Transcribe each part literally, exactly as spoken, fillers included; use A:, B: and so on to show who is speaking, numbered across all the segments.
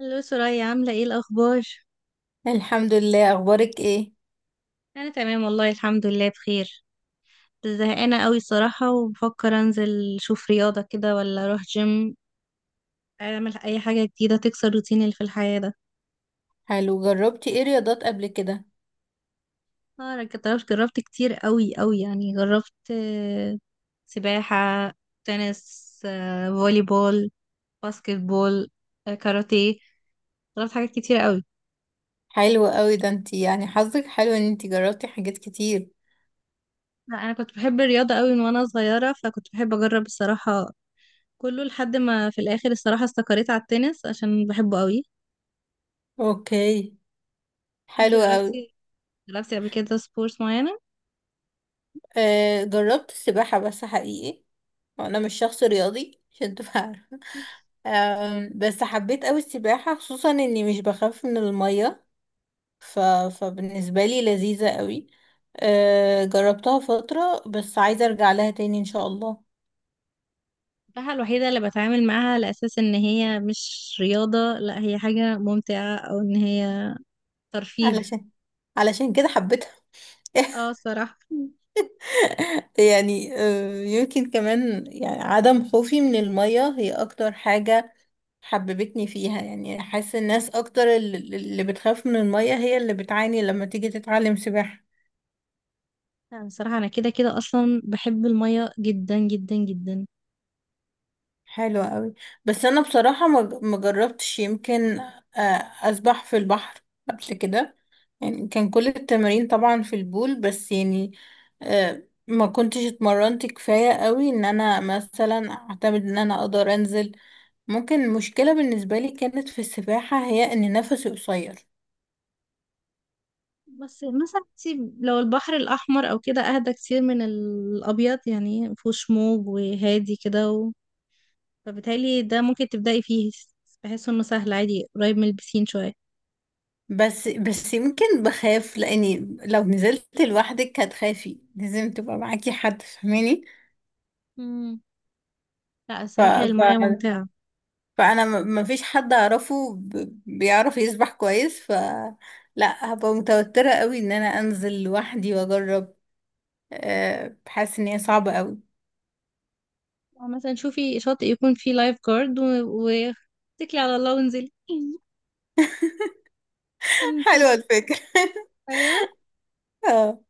A: الو سرايا، عاملة ايه الأخبار؟
B: الحمد لله. اخبارك ايه؟
A: أنا تمام، والله الحمد لله بخير. زهقانة قوي صراحة، وبفكر أنزل أشوف رياضة كده ولا أروح جيم، أعمل أي حاجة جديدة تكسر الروتين اللي في الحياة ده.
B: حلو، جربتي ايه رياضات قبل كده؟
A: اه أنا جربت جربت كتير قوي قوي، يعني جربت آه، سباحة، تنس، آه، فولي بول، باسكت بول، آه، كاراتيه. جربت حاجات كتير قوي.
B: حلو قوي، ده انتي يعني حظك حلو ان انتي جربتي حاجات كتير.
A: لا، أنا كنت بحب الرياضة قوي من وأنا صغيرة، فكنت بحب أجرب الصراحة كله، لحد ما في الاخر الصراحة استقريت على التنس عشان بحبه قوي.
B: اوكي،
A: انتي
B: حلو قوي.
A: جربتي، جربتي قبل كده سبورتس معينة؟
B: آه، جربت السباحة بس حقيقي، وانا مش شخص رياضي عشان تبقى عارفة. آم، بس حبيت قوي السباحة، خصوصا اني مش بخاف من المية. ف... فبالنسبة لي لذيذة قوي. آه جربتها فترة، بس عايزة ارجع لها تاني ان شاء الله.
A: السباحة الوحيدة اللي بتعامل معاها على اساس ان هي مش رياضة، لا هي حاجة ممتعة، او ان هي ترفيه.
B: علشان علشان كده حبيتها.
A: اه الصراحة.
B: يعني آه، يمكن كمان يعني عدم خوفي من المية هي أكتر حاجة حببتني فيها. يعني حاسة الناس أكتر الل- اللي بتخاف من المية هي اللي بتعاني لما تيجي تتعلم سباحة.
A: يعني الصراحة انا كده كده اصلا بحب المية جدا جدا جدا.
B: حلوة قوي. بس أنا بصراحة ما ج- ما جربتش يمكن آه، أسبح في البحر قبل كده. يعني كان كل التمارين طبعا في البول، بس يعني آه، ما كنتش اتمرنت كفاية قوي ان انا مثلا اعتمد ان انا اقدر انزل. ممكن المشكلة بالنسبة لي كانت في السباحة هي ان نفسي قصير.
A: بس مثلا انتي لو البحر الاحمر او كده، اهدى كتير من الابيض، يعني مفهوش موج وهادي كده، فبالتالي ده ممكن تبدأي فيه. بحس انه سهل عادي، قريب من البسين شوية.
B: بس بس يمكن بخاف، لاني لو نزلت لوحدك هتخافي، لازم تبقى معاكي حد، فاهماني؟
A: امم. لا،
B: ف...
A: الصراحة هي
B: ف...
A: المية ممتعة.
B: فانا ما فيش حد اعرفه ب... بيعرف يسبح كويس ف، لا هبقى متوترة قوي ان انا انزل لوحدي واجرب. أه... بحس ان هي صعبة قوي.
A: أو مثلا شوفي شاطئ يكون فيه لايف جارد و... و... اتكلي على الله وانزلي. انت.
B: حلوة الفكرة.
A: ايوه.
B: اه.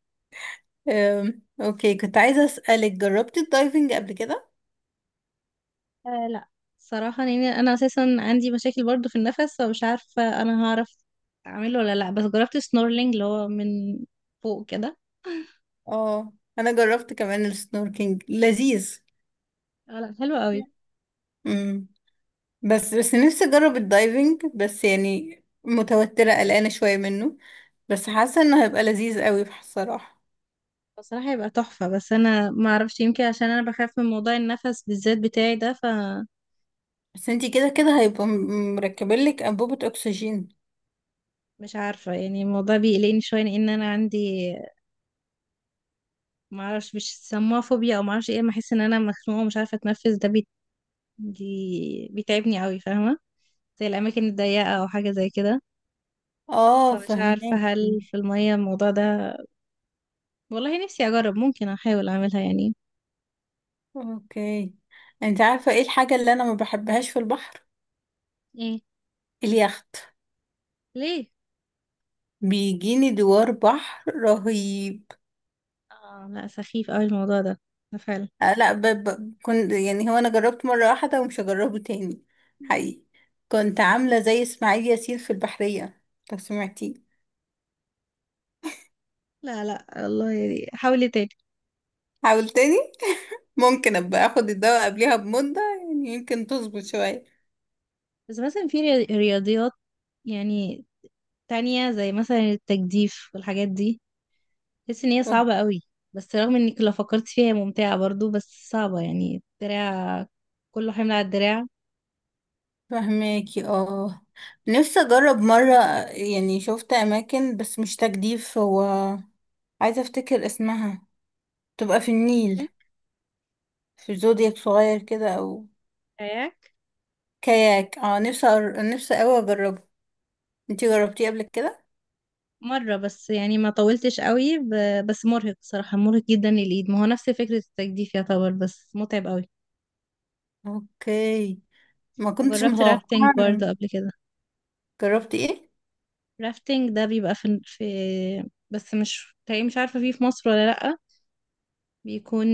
B: أم، اوكي، كنت عايزة اسألك، جربتي الدايفنج قبل كده؟
A: آه لا، صراحة يعني أنا أساسا عندي مشاكل برضو في النفس، فمش عارفة أنا هعرف أعمله ولا لأ، بس جربت سنورلينج اللي هو من فوق كده.
B: اه انا جربت كمان السنوركينج لذيذ.
A: آه لا، حلو قوي.
B: امم بس بس نفسي اجرب الدايفنج، بس يعني متوترة قلقانة شوية منه. بس حاسة انه هيبقى لذيذ قوي بصراحة.
A: بصراحة يبقى تحفة، بس أنا ما أعرفش، يمكن عشان أنا بخاف من موضوع النفس بالذات بتاعي ده.
B: بس انتي كده كده هيبقى م- مركبلك انبوبة اكسجين.
A: مش عارفة يعني، الموضوع بيقلقني شوية، لأن أنا عندي، معرفش مش سموها فوبيا أو معرفش ايه، أما أحس إن أنا مخنوقة ومش عارفة أتنفس، ده بي... دي... بيتعبني أوي، فاهمة؟ زي الأماكن الضيقة أو حاجة زي كده.
B: اه
A: فمش عارفة
B: فهماكي.
A: هل في المية الموضوع ده. والله نفسي أجرب، ممكن أحاول أعملها يعني.
B: اوكي، انت عارفة ايه الحاجة اللي انا ما بحبهاش في البحر؟
A: ايه؟
B: اليخت.
A: ليه؟
B: بيجيني دوار بحر رهيب.
A: اه لا، سخيف أوي الموضوع ده ده فعلا.
B: آه، لا ب... ب... كنت يعني، هو انا جربت مرة واحدة ومش هجربه تاني حقيقي. كنت عاملة زي اسماعيل ياسين في البحرية، لو سمعتيه.
A: لا لا، الله يعني حاولي تاني.
B: حاول تاني، ممكن ابقى اخد الدواء قبلها بمدة، يعني يمكن تظبط شوية.
A: بس مثلا في رياضيات يعني تانية زي مثلا التجديف والحاجات دي، بحس ان هي
B: أوكي،
A: صعبة قوي. بس رغم انك لو فكرت فيها هي ممتعة برضو، بس صعبة، يعني الدراع كله حمل على الدراع.
B: فهماكي اه. نفسي اجرب مرة، يعني شفت اماكن بس مش تجديف، هو عايزة افتكر اسمها، تبقى في النيل في زودياك صغير كده او
A: كاياك.
B: كاياك. اه، نفسي أر... نفسي اوي اجربه. انتي جربتيه قبل كده؟
A: مرة بس، يعني ما طولتش قوي، ب- بس مرهق صراحة، مرهق جدا للإيد، ما هو نفس فكرة التجديف يعتبر، بس متعب قوي.
B: اوكي، ما كنتش
A: وجربت رافتنج
B: متوقعة إن-
A: برضه قبل كده.
B: جربتي ايه؟
A: رافتنج ده بيبقى في, في، بس مش، تقريبا مش عارفة فيه في مصر ولا لأ. بيكون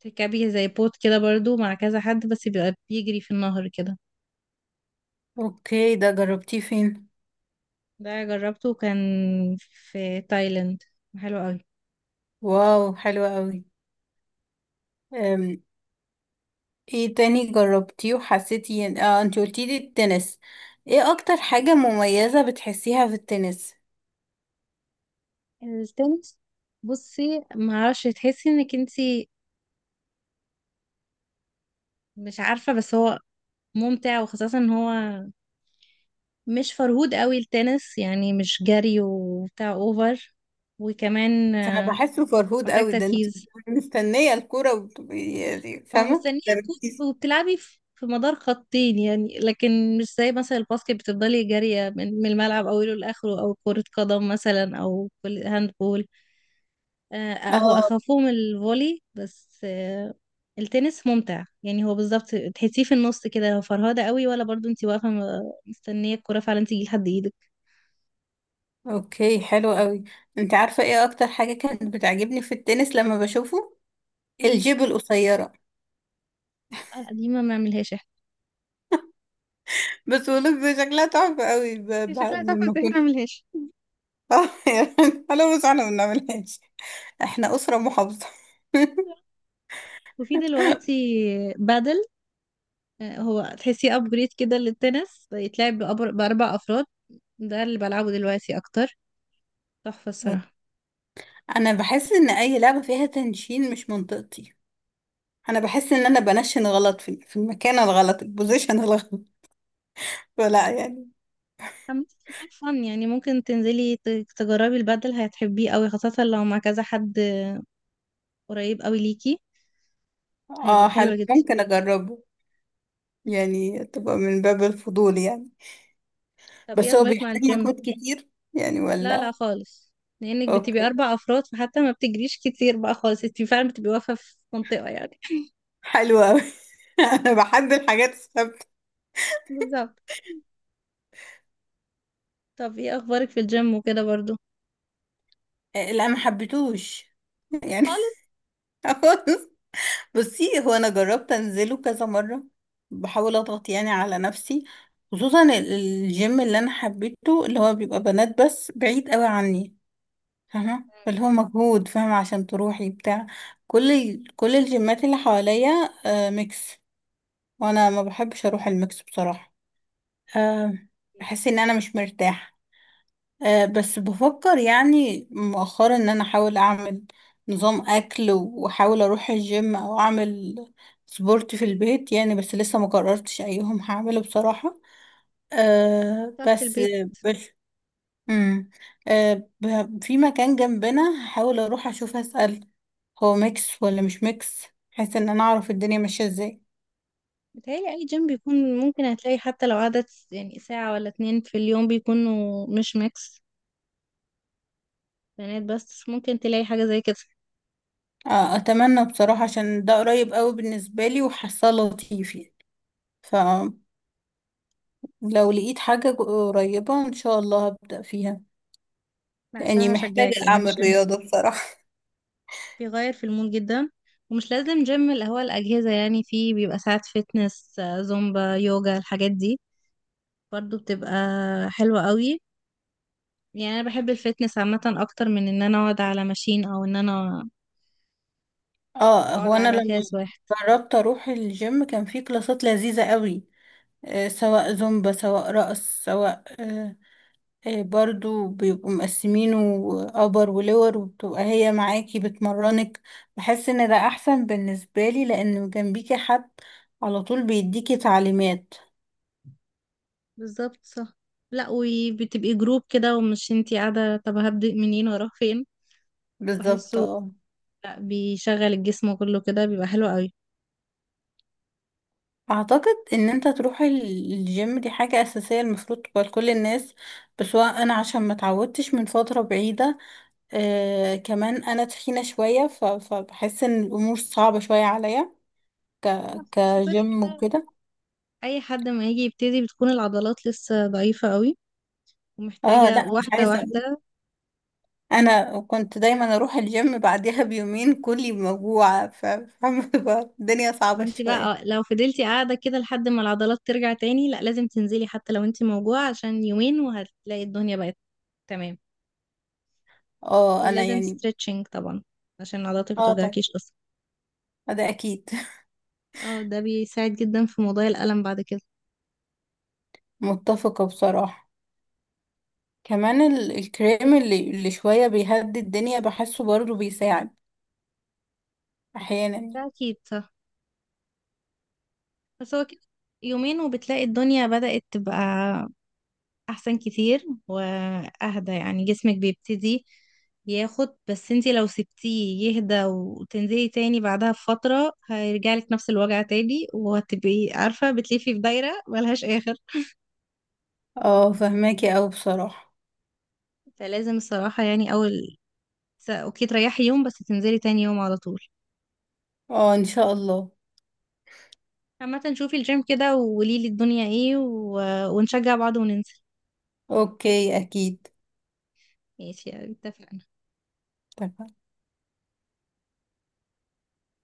A: تركبي زي بوت كده برضه مع كذا حد، بس بيبقى بيجري في النهر كده.
B: اوكي، ده جربتيه فين؟
A: ده جربته كان في تايلاند، حلو قوي.
B: واو، حلو قوي. أم، ايه تاني جربتيه وحسيتي إن- اه، انتي قلتي لي التنس. ايه اكتر حاجة مميزة بتحسيها في التنس؟
A: التنس، بصي ما اعرفش، تحسي انك انتي مش عارفه، بس هو ممتع، وخاصه ان هو مش فرهود قوي التنس، يعني مش جري وبتاع اوفر، وكمان
B: انا
A: آه،
B: بحسه فرهود
A: محتاج
B: قوي، ده انتي
A: تركيز.
B: بتبقي مستنية الكورة وبتبقي يعني
A: هو
B: فاهمة
A: مستنيه
B: تركيز.
A: كورة، وبتلعبي في في مدار خطين يعني، لكن مش زي مثلا الباسكت بتفضلي جارية من من الملعب اوله لاخره، او كرة قدم مثلا، او كل هاند بول. آه، هو
B: اه،
A: اخافهم الفولي بس. آه، التنس ممتع يعني، هو بالظبط تحسيه في النص كده، لو فرهاده قوي ولا برضو انتي واقفه م- مستنيه الكره فعلا تيجي لحد ايدك.
B: اوكي حلو قوي. انت عارفة ايه اكتر حاجة كانت بتعجبني في التنس لما بشوفه؟
A: مم.
B: الجيب القصيرة.
A: آه، دي ما بنعملهاش احنا.
B: بس ولوك شكلها تحفة قوي ب...
A: هي
B: ب...
A: شكلها تحفة،
B: لما
A: بس احنا
B: كنت.
A: ملهاش.
B: اه يا بنت، حلو بس احنا ما بنعملهاش. احنا أسرة محافظة.
A: وفي دلوقتي بادل، آه، هو تحسيه ابجريد كده للتنس، بيتلعب بأبر- باربع افراد، ده اللي بلعبه دلوقتي اكتر، تحفه الصراحه.
B: انا بحس ان اي لعبة فيها تنشين مش منطقتي. انا بحس ان انا بنشن غلط في, في المكان الغلط، البوزيشن الغلط. فلا يعني.
A: عامة فور فن يعني، ممكن تنزلي ت- تجربي البادل، هتحبيه قوي خاصة لو مع كذا حد قريب قوي ليكي. هيبقوا
B: اه حلو،
A: حلوة جدا.
B: ممكن اجربه. يعني تبقى من باب الفضول يعني.
A: طب ايه
B: بس هو
A: اخبارك مع
B: بيحتاج
A: الجيم؟
B: مجهود كتير، يعني
A: لا لا،
B: ولا؟
A: خالص. لانك بتبقي
B: اوكي،
A: اربع افراد، فحتى ما بتجريش كتير بقى خالص، انت فعلا بتبقي واقفة في منطقة يعني.
B: حلو قوي. انا بحب الحاجات الثابتة.
A: بالظبط. طب ايه اخبارك في الجيم وكده برضو؟
B: آه، لا ما حبيتوش يعني.
A: خالص.
B: خالص. بصي، هو انا جربت انزله كذا مره، بحاول اضغط يعني على نفسي. خصوصا ال- الجيم اللي انا حبيته اللي هو بيبقى بنات بس بعيد قوي عني، فاهمه. فاللي هو مجهود، فاهمه، عشان تروحي بتاع كل ال- كل الجيمات اللي حواليا آه ميكس. وانا ما بحبش اروح الميكس بصراحه. آه بحس ان انا مش مرتاحه. آه، بس بفكر يعني مؤخرا ان انا احاول اعمل نظام اكل، واحاول اروح الجيم او اعمل سبورت في البيت، يعني بس لسه ما قررتش ايهم هعمله بصراحة. أه
A: صح، في
B: بس
A: البيت.
B: بس مم. أه ب- في مكان جنبنا هحاول اروح اشوف، اسأل هو ميكس ولا مش ميكس، بحيث ان انا اعرف الدنيا ماشية ازاي.
A: بتهيألي اي جيم بيكون ممكن هتلاقي، حتى لو عدد، يعني ساعة ولا اتنين في اليوم بيكونوا مش ميكس، بنات بس، ممكن تلاقي حاجة زي كده.
B: آه، اتمنى بصراحة عشان ده قريب قوي بالنسبة لي وحاساه لطيف. يعني لو لقيت حاجة قريبة ان شاء الله هبدأ فيها.
A: لا
B: يعني
A: صراحة
B: محتاجة
A: أشجعك، يعني
B: اعمل
A: الجيم
B: رياضة بصراحة.
A: بيغير في المود جدا، ومش لازم جيم اللي هو الأجهزة يعني، فيه بيبقى ساعات فتنس، آه، زومبا، يوجا، الحاجات دي برضو بتبقى حلوة قوي. يعني أنا بحب الفتنس عامة أكتر من إن أنا أقعد على ماشين أو إن أنا
B: اه،
A: أقعد
B: هو انا
A: على
B: لما
A: كاس واحد.
B: جربت اروح الجيم كان في كلاسات لذيذة قوي. آه سواء زومبا، سواء رقص، سواء آه آه برضو بيبقوا مقسمينه ابر ولور، وبتبقى هي معاكي بتمرنك. بحس ان ده احسن بالنسبة لي، لان جنبيكي حد على طول بيديكي تعليمات.
A: بالظبط صح. لا وبتبقي جروب كده، ومش انتي قاعدة طب هبدأ منين واروح فين.
B: بالظبط
A: وبحسه،
B: اه.
A: لا، بيشغل الجسم كله كده، بيبقى حلو قوي.
B: اعتقد ان انت تروح ال- الجيم دي حاجة اساسية المفروض تبقى لكل الناس. بس هو انا عشان ما اتعودتش من فترة بعيدة، آه كمان انا تخينة شوية، ف- فبحس ان الامور صعبة شوية عليا ك-
A: بس كده
B: كجيم
A: كده
B: وكده.
A: أي حد ما يجي يبتدي بتكون العضلات لسه ضعيفة قوي،
B: اه
A: ومحتاجة
B: لا، مش
A: واحدة
B: عايزة اقول،
A: واحدة.
B: انا كنت دايما اروح الجيم بعدها بيومين كلي موجوعة، ف- فاهمة بقى؟ الدنيا
A: ما
B: صعبة
A: انت بقى،
B: شوية.
A: اه، لو فضلتي قاعدة كده لحد ما العضلات ترجع تاني، لا لازم تنزلي حتى لو انت موجوعة، عشان يومين وهتلاقي الدنيا بقت تمام.
B: اه انا
A: ولازم
B: يعني.
A: ستريتشنج طبعا عشان عضلاتك ما
B: اه طبعا،
A: توجعكيش اصلا.
B: ده اكيد.
A: اه، ده بيساعد جدا في موضوع الألم بعد كده.
B: متفقة بصراحة. كمان ال- الكريم اللي اللي شوية بيهدي الدنيا بحسه برضه بيساعد أحيانا.
A: ده أكيد صح. بس هو كده، يومين وبتلاقي الدنيا بدأت تبقى احسن كتير واهدى، يعني جسمك بيبتدي ياخد، بس انتي لو سبتيه يهدى وتنزلي تاني بعدها بفترة، هيرجعلك نفس الوجع تاني، وهتبقي عارفة بتلفي في دايرة ملهاش آخر.
B: اه فهماكي أوي بصراحة.
A: فلازم الصراحة يعني أول، س- اوكي تريحي يوم بس تنزلي تاني يوم على طول.
B: اه إن شاء الله.
A: عامة شوفي الجيم كده وقوليلي الدنيا ايه، و... ونشجع بعض وننزل.
B: أوكي، أكيد.
A: ماشي، اتفقنا.
B: اتفقنا.